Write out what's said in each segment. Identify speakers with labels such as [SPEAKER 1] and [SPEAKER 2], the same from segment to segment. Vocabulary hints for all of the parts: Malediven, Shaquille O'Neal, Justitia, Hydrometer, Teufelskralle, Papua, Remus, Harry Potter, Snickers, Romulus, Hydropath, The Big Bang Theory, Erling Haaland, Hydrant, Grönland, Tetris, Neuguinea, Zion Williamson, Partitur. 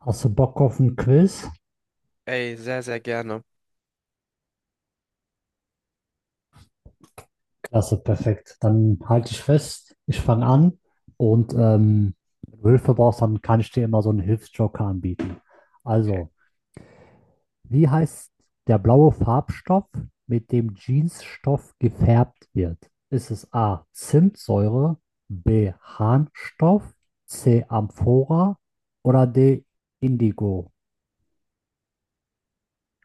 [SPEAKER 1] Hast du Bock auf ein Quiz?
[SPEAKER 2] Ey, sehr, sehr gerne.
[SPEAKER 1] Klasse, perfekt. Dann halte ich fest, ich fange an und wenn du Hilfe brauchst, dann kann ich dir immer so einen Hilfsjoker anbieten. Also, wie heißt der blaue Farbstoff, mit dem Jeansstoff gefärbt wird? Ist es A. Zimtsäure, B. Harnstoff, C. Amphora oder D. Indigo?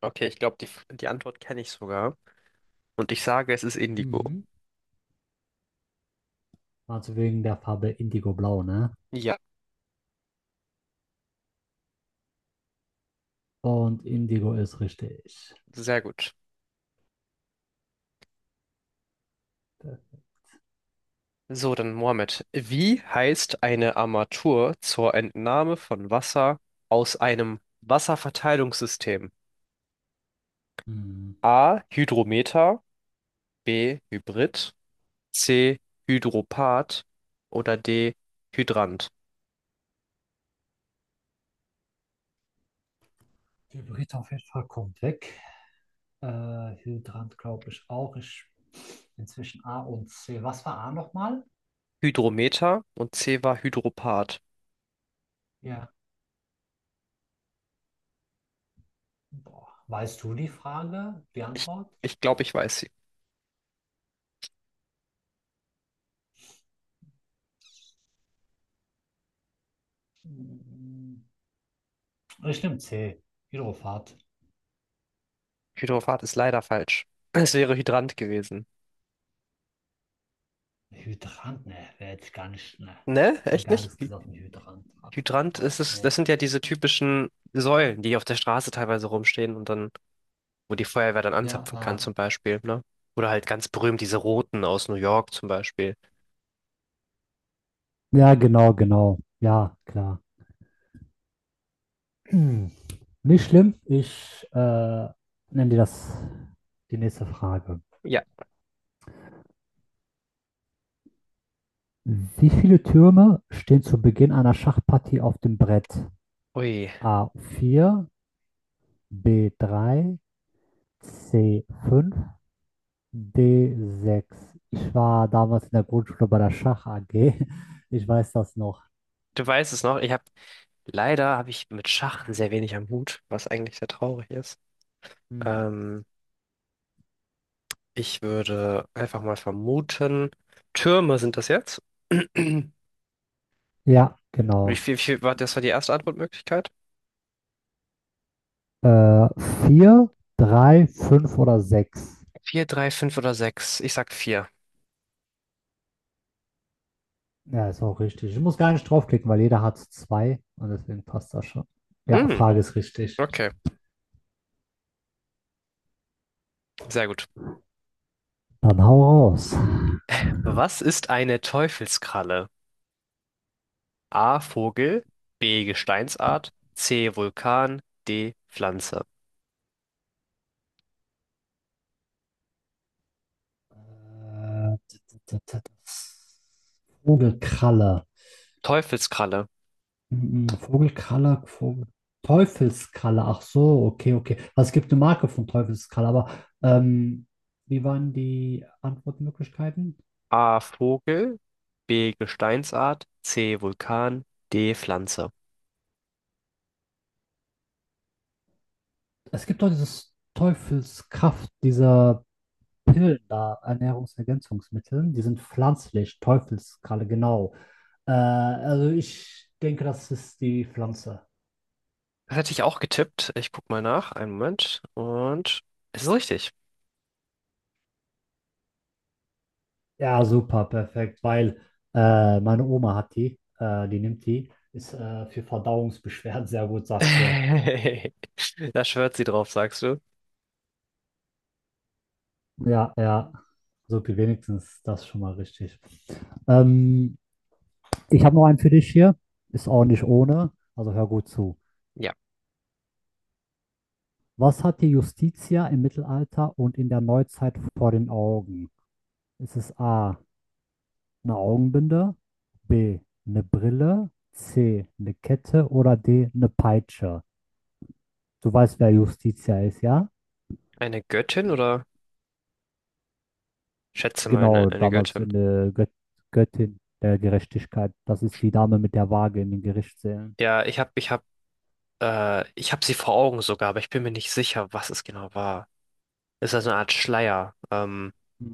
[SPEAKER 2] Okay, ich glaube, die Antwort kenne ich sogar. Und ich sage, es ist Indigo.
[SPEAKER 1] Mhm. Also wegen der Farbe Indigo-Blau, ne?
[SPEAKER 2] Ja,
[SPEAKER 1] Und Indigo ist richtig.
[SPEAKER 2] sehr gut. So, dann Mohammed. Wie heißt eine Armatur zur Entnahme von Wasser aus einem Wasserverteilungssystem?
[SPEAKER 1] Mhm.
[SPEAKER 2] A. Hydrometer, B. Hybrid, C. Hydropath oder D. Hydrant.
[SPEAKER 1] Hybrid auf jeden Fall kommt weg. Hydrant glaube ich auch. Ich inzwischen A und C. Was war A nochmal?
[SPEAKER 2] Hydrometer und C war Hydropath.
[SPEAKER 1] Ja. Boah. Weißt du die Frage, die
[SPEAKER 2] Ich,
[SPEAKER 1] Antwort?
[SPEAKER 2] ich glaube, ich weiß sie.
[SPEAKER 1] Mm, Ich nehme C. Hydrofahrt.
[SPEAKER 2] Hydropath ist leider falsch. Es wäre Hydrant gewesen.
[SPEAKER 1] Hydrant, ne, wäre jetzt gar nicht, ne.
[SPEAKER 2] Ne?
[SPEAKER 1] Hat mir
[SPEAKER 2] Echt
[SPEAKER 1] gar
[SPEAKER 2] nicht?
[SPEAKER 1] nichts gesagt mit Hydrant.
[SPEAKER 2] Hydrant
[SPEAKER 1] Ah,
[SPEAKER 2] ist es, das
[SPEAKER 1] ne.
[SPEAKER 2] sind ja diese typischen Säulen, die auf der Straße teilweise rumstehen, und dann, wo die Feuerwehr dann
[SPEAKER 1] Ja,
[SPEAKER 2] anzapfen kann, zum Beispiel, ne? Oder halt ganz berühmt diese roten aus New York zum Beispiel.
[SPEAKER 1] Ja, genau, genau. Ja, klar. Hm. Nicht schlimm. Ich nenne dir das die nächste Frage.
[SPEAKER 2] Ja.
[SPEAKER 1] Wie viele Türme stehen zu Beginn einer Schachpartie auf dem Brett?
[SPEAKER 2] Ui,
[SPEAKER 1] A vier, B drei, C fünf, D sechs. Ich war damals in der Grundschule bei der Schach AG. Ich weiß das noch.
[SPEAKER 2] du weißt es noch. Ich habe leider habe ich mit Schach sehr wenig am Hut, was eigentlich sehr traurig ist.
[SPEAKER 1] Hm.
[SPEAKER 2] Ähm, Ich würde einfach mal vermuten, Türme sind das jetzt.
[SPEAKER 1] Ja,
[SPEAKER 2] Wie
[SPEAKER 1] genau.
[SPEAKER 2] viel, wie viel war das war die erste Antwortmöglichkeit?
[SPEAKER 1] Äh, 4, 3, 5 oder sechs.
[SPEAKER 2] Vier, drei, fünf oder sechs. Ich sag vier.
[SPEAKER 1] Ja, ist auch richtig. Ich muss gar nicht draufklicken, weil jeder hat zwei und deswegen passt das schon. Ja,
[SPEAKER 2] Hm,
[SPEAKER 1] Frage ist richtig.
[SPEAKER 2] okay. Sehr gut.
[SPEAKER 1] Dann hau raus.
[SPEAKER 2] Was ist eine Teufelskralle? A. Vogel, B. Gesteinsart, C. Vulkan, D. Pflanze.
[SPEAKER 1] Äh, t- t- t- t- Vogelkralle.
[SPEAKER 2] Teufelskralle.
[SPEAKER 1] Vogelkralle, Vogel. Teufelskralle. Ach so, okay, okay. Also es gibt eine Marke von Teufelskralle, aber ähm, wie waren die Antwortmöglichkeiten?
[SPEAKER 2] A. Vogel, B. Gesteinsart, C. Vulkan, D. Pflanze.
[SPEAKER 1] Es gibt doch dieses Teufelskraft, dieser Pillen da, Ernährungsergänzungsmittel, die sind pflanzlich, Teufelskralle, genau. Also ich denke, das ist die Pflanze.
[SPEAKER 2] Das hätte ich auch getippt. Ich guck mal nach. Einen Moment. Und es ist richtig.
[SPEAKER 1] Ja, super, perfekt, weil meine Oma hat die, die nimmt die, ist für Verdauungsbeschwerden sehr gut, sagt sie.
[SPEAKER 2] Da schwört sie drauf, sagst du?
[SPEAKER 1] Ja, ja, so viel wenigstens, das ist schon mal richtig. Ähm, Ich habe noch einen für dich hier, ist auch nicht ohne, also hör gut zu.
[SPEAKER 2] Ja.
[SPEAKER 1] Was hat die Justitia im Mittelalter und in der Neuzeit vor den Augen? Ist es A, eine Augenbinde, B, eine Brille, C, eine Kette oder D, eine Peitsche? Du weißt, wer Justitia ist, ja?
[SPEAKER 2] Eine Göttin oder schätze mal eine,
[SPEAKER 1] Genau,
[SPEAKER 2] eine
[SPEAKER 1] damals
[SPEAKER 2] Göttin?
[SPEAKER 1] eine Göttin der Gerechtigkeit. Das ist die Dame mit der Waage in den Gerichtssälen.
[SPEAKER 2] Ja, ich habe sie vor Augen sogar, aber ich bin mir nicht sicher, was es genau war. Es ist also eine Art Schleier.
[SPEAKER 1] Hm.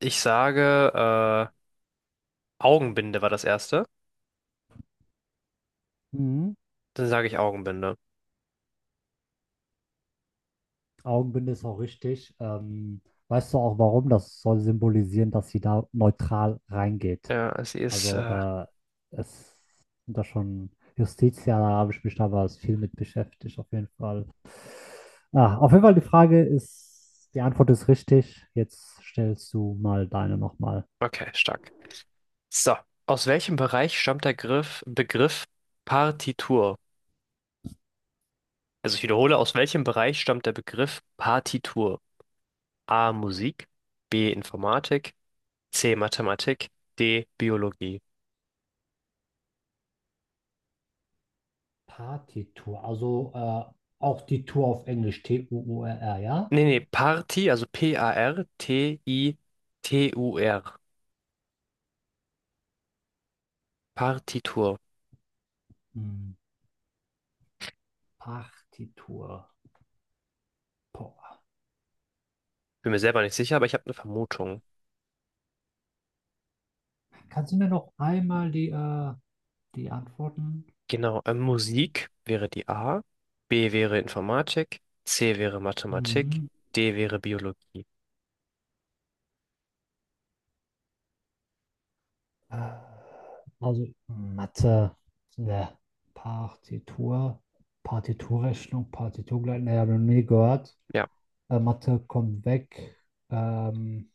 [SPEAKER 2] Ich sage, Augenbinde war das erste.
[SPEAKER 1] Mhm.
[SPEAKER 2] Dann sage ich Augenbinde.
[SPEAKER 1] Augenbinde ist auch richtig. Weißt du auch warum? Das soll symbolisieren, dass sie da neutral reingeht.
[SPEAKER 2] Ja, sie ist,
[SPEAKER 1] Also äh, es sind da schon Justitia, da habe ich mich damals viel mit beschäftigt, auf jeden Fall. Ah, auf jeden Fall die Frage ist, die Antwort ist richtig. Jetzt stellst du mal deine nochmal.
[SPEAKER 2] okay, stark. So, aus welchem Bereich stammt der Begriff Partitur? Also ich wiederhole, aus welchem Bereich stammt der Begriff Partitur? A. Musik, B. Informatik, C. Mathematik, D. Biologie.
[SPEAKER 1] Partitur, also auch die Tour auf Englisch, T-U-U-R-R, ja?
[SPEAKER 2] Nee, nee, Party, also P-A-R-T-I-T-U-R. Partitur.
[SPEAKER 1] Hm. Party. Boah.
[SPEAKER 2] Bin mir selber nicht sicher, aber ich habe eine Vermutung.
[SPEAKER 1] Kannst du mir noch einmal die Antworten?
[SPEAKER 2] Genau, Musik wäre die A, B wäre Informatik, C wäre Mathematik,
[SPEAKER 1] Mhm.
[SPEAKER 2] D wäre Biologie.
[SPEAKER 1] Äh, Also Mathe, ne, Partitur, Partiturrechnung, Partiturgleichen, ne, habe ich noch nie gehört.
[SPEAKER 2] Ja,
[SPEAKER 1] Mathe kommt weg. Ähm,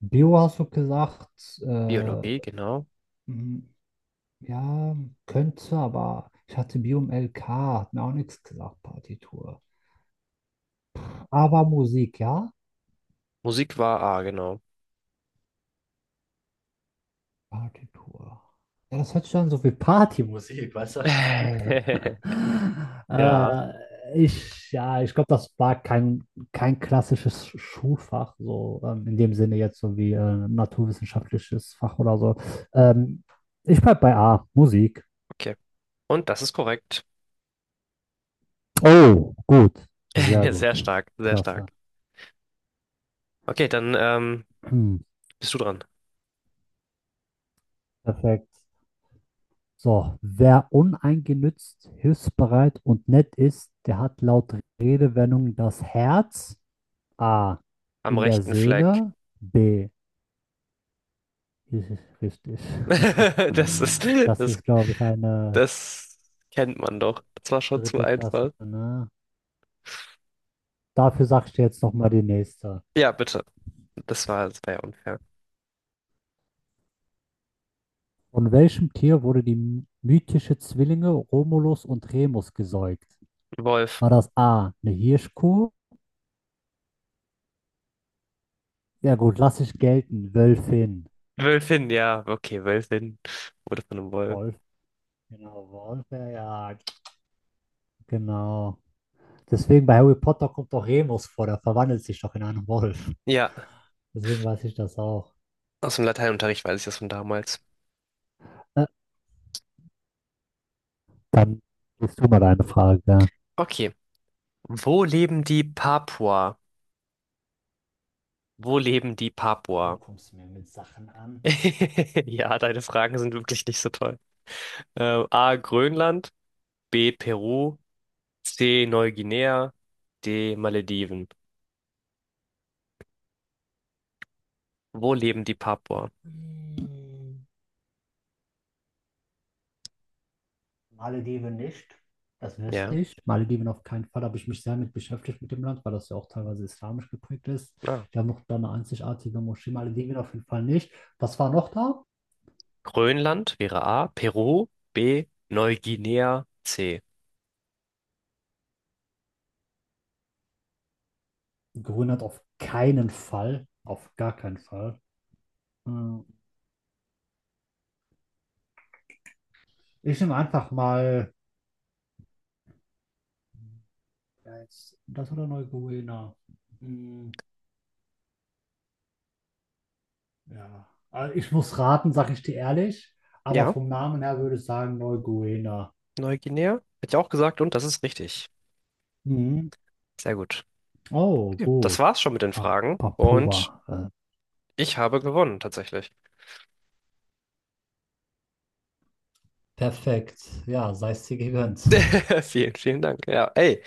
[SPEAKER 1] Bio hast du gesagt.
[SPEAKER 2] Biologie, genau.
[SPEAKER 1] M- Ja, könnte, aber ich hatte Biom LK, hat mir auch nichts gesagt, Partitur. Aber Musik, ja?
[SPEAKER 2] Musik war A, genau.
[SPEAKER 1] Partitur. Ja, das hört sich an so wie Partymusik, weißt du, was ich meine?
[SPEAKER 2] Ja,
[SPEAKER 1] Äh, ja, ich glaube, das war kein, kein klassisches Schulfach, in dem Sinne jetzt so wie naturwissenschaftliches Fach oder so. Ähm, Ich bleib bei A, Musik.
[SPEAKER 2] okay. Und das ist korrekt.
[SPEAKER 1] Oh, gut, sehr
[SPEAKER 2] Sehr
[SPEAKER 1] gut,
[SPEAKER 2] stark, sehr
[SPEAKER 1] klasse.
[SPEAKER 2] stark. Okay, dann
[SPEAKER 1] Hm,
[SPEAKER 2] bist du dran.
[SPEAKER 1] perfekt. So, wer uneingenützt, hilfsbereit und nett ist, der hat laut Redewendung das Herz A
[SPEAKER 2] Am
[SPEAKER 1] in der
[SPEAKER 2] rechten Fleck.
[SPEAKER 1] Seele, B. Das ist richtig.
[SPEAKER 2] Das ist,
[SPEAKER 1] Das
[SPEAKER 2] das
[SPEAKER 1] ist, glaube ich, eine
[SPEAKER 2] Das kennt man doch. Das war schon zu
[SPEAKER 1] dritte Klasse,
[SPEAKER 2] einfach.
[SPEAKER 1] ne? Dafür sagst du jetzt nochmal die nächste.
[SPEAKER 2] Ja, bitte. Das war ja unfair.
[SPEAKER 1] Von welchem Tier wurde die mythische Zwillinge Romulus und Remus gesäugt?
[SPEAKER 2] Wolf.
[SPEAKER 1] War das A, eine Hirschkuh? Ja gut, lass ich gelten, Wölfin.
[SPEAKER 2] Wölfin, ja. Okay, Wölfin wurde von einem Wolf.
[SPEAKER 1] Wolf, genau, Wolf, ja, ja, genau. Deswegen bei Harry Potter kommt doch Remus vor, der verwandelt sich doch in einen Wolf.
[SPEAKER 2] Ja,
[SPEAKER 1] Deswegen weiß ich das auch.
[SPEAKER 2] aus dem Lateinunterricht weiß ich das von damals.
[SPEAKER 1] Äh, Dann gehst du mal deine Frage. Ja.
[SPEAKER 2] Okay. Wo leben die Papua? Wo leben die
[SPEAKER 1] Boah, du
[SPEAKER 2] Papua?
[SPEAKER 1] kommst mir mit Sachen an.
[SPEAKER 2] Ja, deine Fragen sind wirklich nicht so toll. A. Grönland, B. Peru, C. Neuguinea, D. Malediven. Wo leben die Papua?
[SPEAKER 1] Hm, Malediven nicht, das wüsste
[SPEAKER 2] Ja.
[SPEAKER 1] ich. Malediven auf keinen Fall. Da habe ich mich sehr mit beschäftigt mit dem Land, weil das ja auch teilweise islamisch geprägt ist.
[SPEAKER 2] Ah.
[SPEAKER 1] Die haben noch da eine einzigartige Moschee. Malediven auf jeden Fall nicht. Was war noch da?
[SPEAKER 2] Grönland wäre A, Peru B, Neuguinea C.
[SPEAKER 1] Grönland auf keinen Fall. Auf gar keinen Fall. Hm, ich nehme einfach mal. Ja, jetzt das oder Neuguinea? Hm, ja. Also ich muss raten, sage ich dir ehrlich, aber
[SPEAKER 2] Ja,
[SPEAKER 1] vom Namen her würde ich sagen Neuguinea.
[SPEAKER 2] Neuguinea hätte ich auch gesagt, und das ist richtig.
[SPEAKER 1] Mhm.
[SPEAKER 2] Sehr gut.
[SPEAKER 1] Oh,
[SPEAKER 2] Okay. Das
[SPEAKER 1] gut.
[SPEAKER 2] war's schon mit den
[SPEAKER 1] Pa
[SPEAKER 2] Fragen, und
[SPEAKER 1] Papua.
[SPEAKER 2] ich habe gewonnen tatsächlich.
[SPEAKER 1] Perfekt. Ja, sei es dir gegönnt.
[SPEAKER 2] Vielen, vielen Dank. Ja, ey,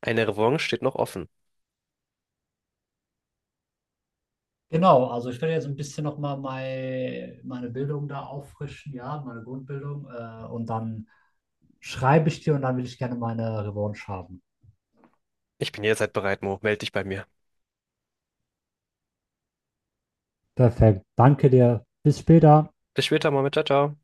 [SPEAKER 2] eine Revanche steht noch offen.
[SPEAKER 1] Genau, also ich werde jetzt ein bisschen nochmal meine Bildung da auffrischen, ja, meine Grundbildung. Und dann schreibe ich dir und dann will ich gerne meine Revanche haben.
[SPEAKER 2] Ich bin jederzeit bereit, Mo. Meld dich bei mir.
[SPEAKER 1] Perfekt. Danke dir. Bis später.
[SPEAKER 2] Bis später, mal mit. Ciao, ciao.